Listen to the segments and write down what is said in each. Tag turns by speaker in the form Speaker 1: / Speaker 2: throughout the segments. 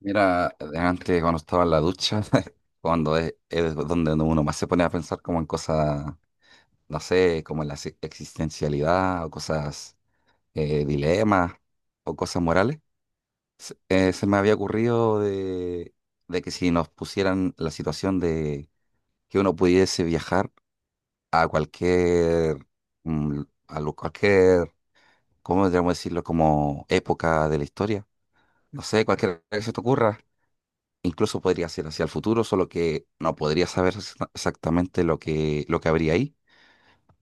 Speaker 1: Mira, antes cuando estaba en la ducha, cuando es donde uno más se pone a pensar como en cosas, no sé, como en la existencialidad o cosas, dilemas o cosas morales, se me había ocurrido de que si nos pusieran la situación de que uno pudiese viajar a cualquier, mm, cualquier, ¿cómo deberíamos decirlo? Como época de la historia, no sé, cualquier que se te ocurra. Incluso podría ser hacia el futuro, solo que no podría saber exactamente lo que habría ahí.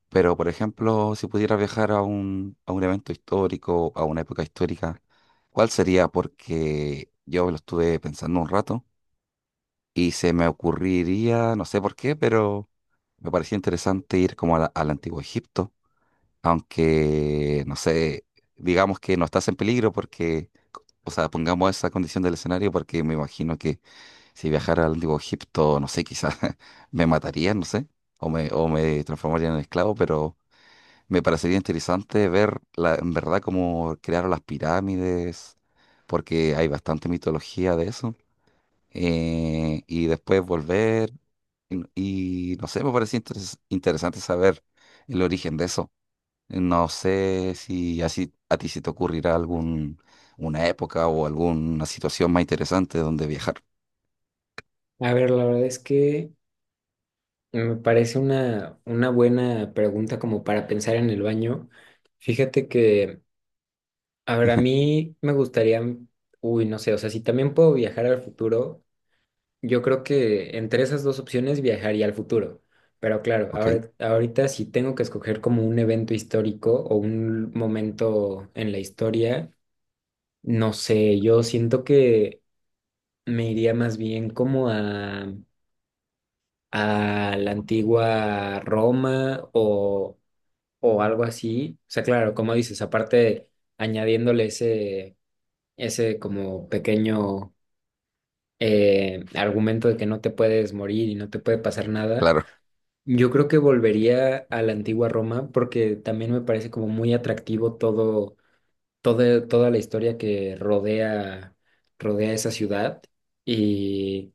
Speaker 1: Pero, por ejemplo, si pudiera viajar a a un evento histórico, a una época histórica, ¿cuál sería? Porque yo lo estuve pensando un rato y se me ocurriría, no sé por qué, pero me parecía interesante ir como al Antiguo Egipto, aunque, no sé, digamos que no estás en peligro porque, o sea, pongamos esa condición del escenario porque me imagino que si viajara al antiguo Egipto, no sé, quizás me matarían, no sé, o me transformarían en esclavo, pero me parecería interesante ver la, en verdad cómo crearon las pirámides, porque hay bastante mitología de eso. Y después volver, y no sé, me parecía interesante saber el origen de eso. No sé si así a ti se te ocurrirá algún, una época o alguna situación más interesante donde viajar,
Speaker 2: A ver, la verdad es que me parece una buena pregunta como para pensar en el baño. Fíjate que, a ver, a mí me gustaría, uy, no sé, o sea, si también puedo viajar al futuro, yo creo que entre esas dos opciones viajaría al futuro. Pero claro,
Speaker 1: ¿ok?
Speaker 2: ahorita si tengo que escoger como un evento histórico o un momento en la historia, no sé, yo siento que me iría más bien como a la antigua Roma o algo así. O sea, claro, como dices, aparte añadiéndole ese como pequeño argumento de que no te puedes morir y no te puede pasar nada,
Speaker 1: Claro.
Speaker 2: yo creo que volvería a la antigua Roma porque también me parece como muy atractivo todo toda la historia que rodea, rodea esa ciudad. Y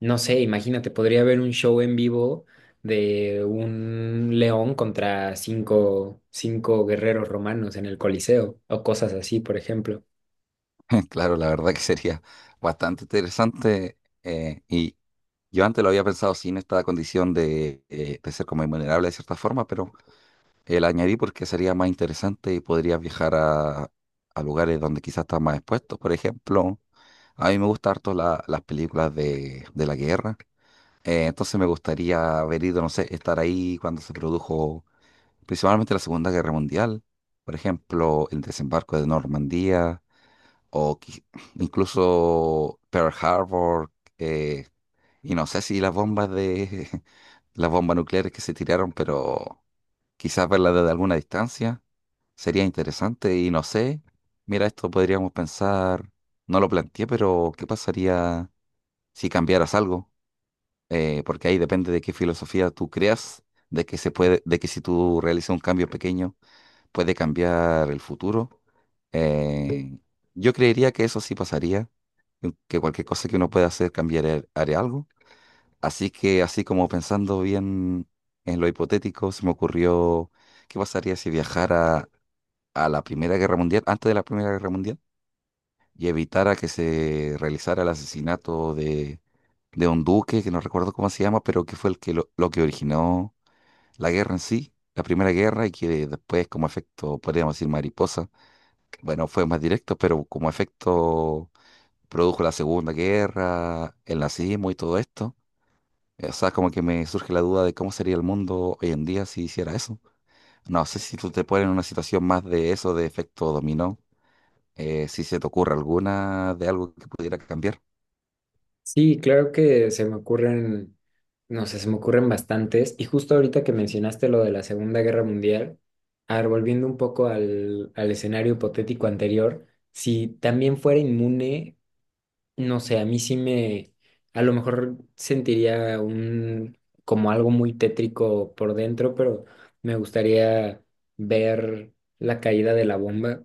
Speaker 2: no sé, imagínate, podría haber un show en vivo de un león contra cinco guerreros romanos en el Coliseo o cosas así, por ejemplo.
Speaker 1: Claro, la verdad que sería bastante interesante. Y yo antes lo había pensado sin esta condición de ser como invulnerable de cierta forma, pero la añadí porque sería más interesante y podrías viajar a lugares donde quizás estás más expuesto. Por ejemplo, a mí me gustan harto las películas de la guerra. Entonces me gustaría haber ido, no sé, estar ahí cuando se produjo principalmente la Segunda Guerra Mundial. Por ejemplo, el desembarco de Normandía o incluso Pearl Harbor, eh, y no sé si las bombas de las bombas nucleares que se tiraron, pero quizás verlas desde alguna distancia sería interesante y no sé. Mira, esto podríamos pensar, no lo planteé, pero ¿qué pasaría si cambiaras algo? Porque ahí depende de qué filosofía tú creas, de que se puede, de que si tú realizas un cambio pequeño puede cambiar el futuro. Eh, yo creería que eso sí pasaría, que cualquier cosa que uno pueda hacer cambiaré haré algo. Así que, así como pensando bien en lo hipotético, se me ocurrió qué pasaría si viajara a la Primera Guerra Mundial, antes de la Primera Guerra Mundial, y evitara que se realizara el asesinato de un duque, que no recuerdo cómo se llama, pero que fue el que lo que originó la guerra en sí. La primera guerra y que después como efecto, podríamos decir mariposa, bueno, fue más directo, pero como efecto produjo la Segunda Guerra, el nazismo y todo esto. O sea, como que me surge la duda de cómo sería el mundo hoy en día si hiciera eso. No sé si tú te pones en una situación más de eso, de efecto dominó, si se te ocurre alguna de algo que pudiera cambiar.
Speaker 2: Sí, claro que se me ocurren, no sé, se me ocurren bastantes. Y justo ahorita que mencionaste lo de la Segunda Guerra Mundial, a ver, volviendo un poco al escenario hipotético anterior, si también fuera inmune. No sé, a mí sí me, a lo mejor sentiría un, como algo muy tétrico por dentro, pero me gustaría ver la caída de la bomba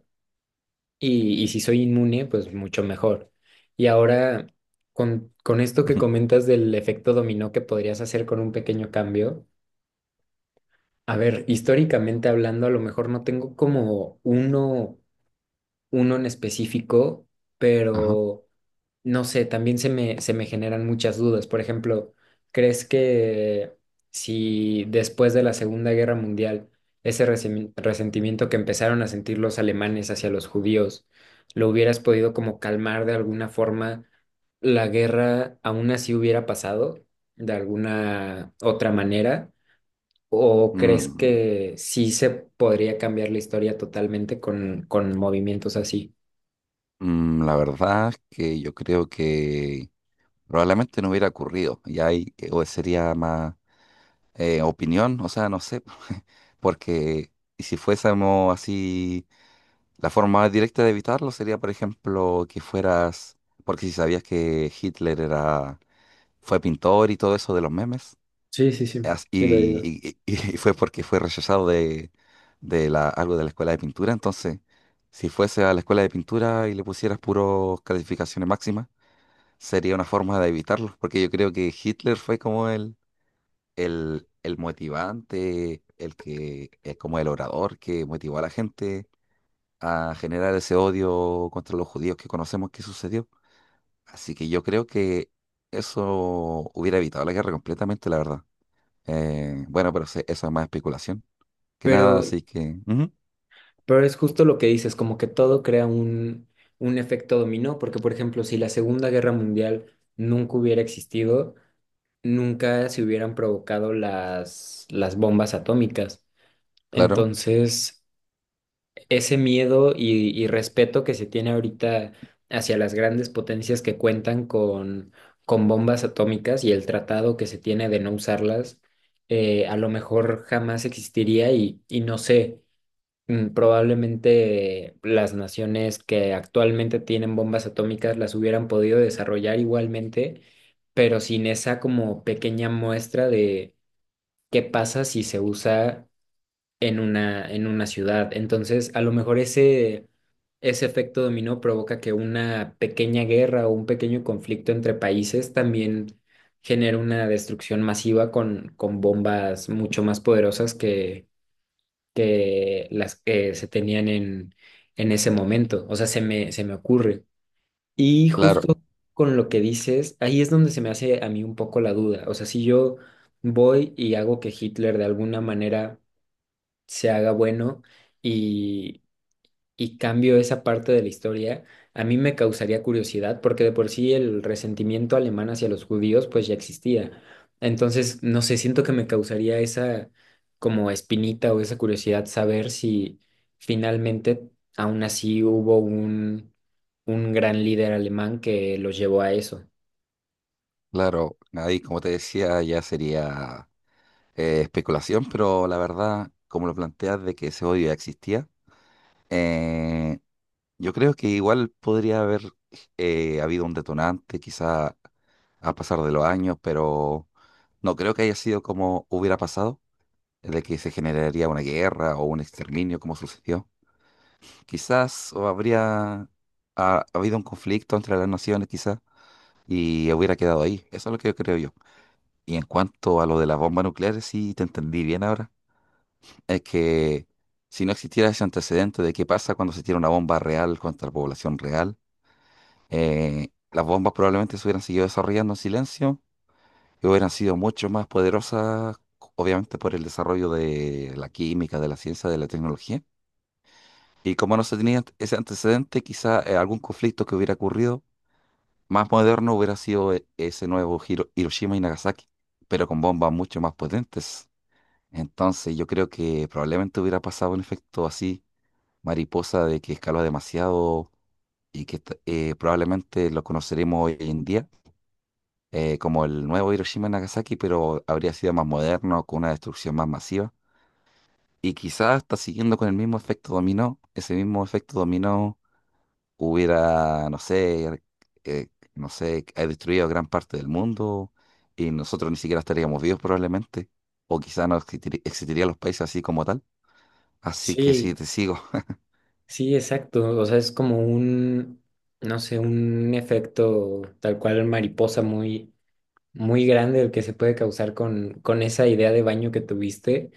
Speaker 2: y si soy inmune, pues mucho mejor. Y ahora, con esto que
Speaker 1: Ujú.
Speaker 2: comentas del efecto dominó que podrías hacer con un pequeño cambio, a ver, históricamente hablando, a lo mejor no tengo como uno, uno en específico,
Speaker 1: Ajá.
Speaker 2: pero... No sé, también se me generan muchas dudas. Por ejemplo, ¿crees que si después de la Segunda Guerra Mundial ese resentimiento que empezaron a sentir los alemanes hacia los judíos, lo hubieras podido como calmar de alguna forma, la guerra aún así hubiera pasado de alguna otra manera? ¿O crees
Speaker 1: Mm,
Speaker 2: que sí se podría cambiar la historia totalmente con movimientos así?
Speaker 1: mm, la verdad es que yo creo que probablemente no hubiera ocurrido. Y ahí o sería más opinión, o sea, no sé, porque si fuésemos así. La forma más directa de evitarlo sería, por ejemplo, que fueras, porque si sabías que fue pintor y todo eso de los memes,
Speaker 2: Sí, sí, sí, sí lo he oído.
Speaker 1: y fue porque fue rechazado de la, algo de la escuela de pintura, entonces, si fuese a la escuela de pintura y le pusieras puros calificaciones máximas, sería una forma de evitarlo, porque yo creo que Hitler fue como el motivante, como el orador que motivó a la gente a generar ese odio contra los judíos que conocemos que sucedió. Así que yo creo que eso hubiera evitado la guerra completamente, la verdad. Bueno, pero eso es más especulación que nada,
Speaker 2: Pero
Speaker 1: así que, ujú,
Speaker 2: Pero es justo lo que dices, como que todo crea un efecto dominó, porque por ejemplo, si la Segunda Guerra Mundial nunca hubiera existido, nunca se hubieran provocado las bombas atómicas.
Speaker 1: claro,
Speaker 2: Entonces, ese miedo y respeto que se tiene ahorita hacia las grandes potencias que cuentan con bombas atómicas y el tratado que se tiene de no usarlas, a lo mejor jamás existiría y no sé. Mm, probablemente las naciones que actualmente tienen bombas atómicas las hubieran podido desarrollar igualmente, pero sin esa como pequeña muestra de qué pasa si se usa en una ciudad. Entonces, a lo mejor ese, ese efecto dominó provoca que una pequeña guerra o un pequeño conflicto entre países también genere una destrucción masiva con bombas mucho más poderosas que las que se tenían en ese momento. O sea, se me ocurre. Y
Speaker 1: claro,
Speaker 2: justo con lo que dices, ahí es donde se me hace a mí un poco la duda. O sea, si yo voy y hago que Hitler de alguna manera se haga bueno y y cambio esa parte de la historia, a mí me causaría curiosidad porque de por sí el resentimiento alemán hacia los judíos pues ya existía. Entonces, no sé, siento que me causaría esa como espinita o esa curiosidad saber si finalmente aún así hubo un gran líder alemán que los llevó a eso.
Speaker 1: claro. Ahí, como te decía, ya sería especulación, pero la verdad, como lo planteas de que ese odio ya existía, eh, yo creo que igual podría haber habido un detonante, quizá a pasar de los años, pero no creo que haya sido como hubiera pasado, de que se generaría una guerra o un exterminio como sucedió. Quizás o habría habido un conflicto entre las naciones, quizás, y hubiera quedado ahí. Eso es lo que yo creo yo. Y en cuanto a lo de las bombas nucleares, sí te entendí bien ahora. Es que si no existiera ese antecedente de qué pasa cuando se tira una bomba real contra la población real, las bombas probablemente se hubieran seguido desarrollando en silencio y hubieran sido mucho más poderosas, obviamente por el desarrollo de la química, de la ciencia, de la tecnología. Y como no se tenía ese antecedente, quizá algún conflicto que hubiera ocurrido más moderno hubiera sido ese nuevo Hiroshima y Nagasaki, pero con bombas mucho más potentes. Entonces yo creo que probablemente hubiera pasado un efecto así, mariposa, de que escaló demasiado y que probablemente lo conoceremos hoy en día como el nuevo Hiroshima y Nagasaki, pero habría sido más moderno, con una destrucción más masiva. Y quizás hasta siguiendo con el mismo efecto dominó, ese mismo efecto dominó hubiera, no sé, eh, no sé, ha destruido gran parte del mundo y nosotros ni siquiera estaríamos vivos probablemente, o quizás no existirían los países así como tal. Así que sí,
Speaker 2: Sí,
Speaker 1: te sigo.
Speaker 2: sí, exacto. O sea, es como un, no sé, un efecto tal cual mariposa muy muy grande el que se puede causar con esa idea de baño que tuviste,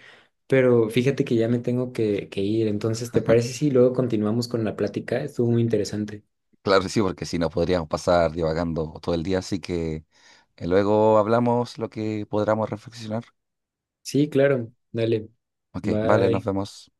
Speaker 2: pero fíjate que ya me tengo que ir, entonces, ¿te parece si luego continuamos con la plática? Estuvo muy interesante.
Speaker 1: Claro que sí, porque si no podríamos pasar divagando todo el día, así que luego hablamos lo que podamos reflexionar.
Speaker 2: Sí, claro, dale,
Speaker 1: Ok, vale, nos
Speaker 2: bye.
Speaker 1: vemos.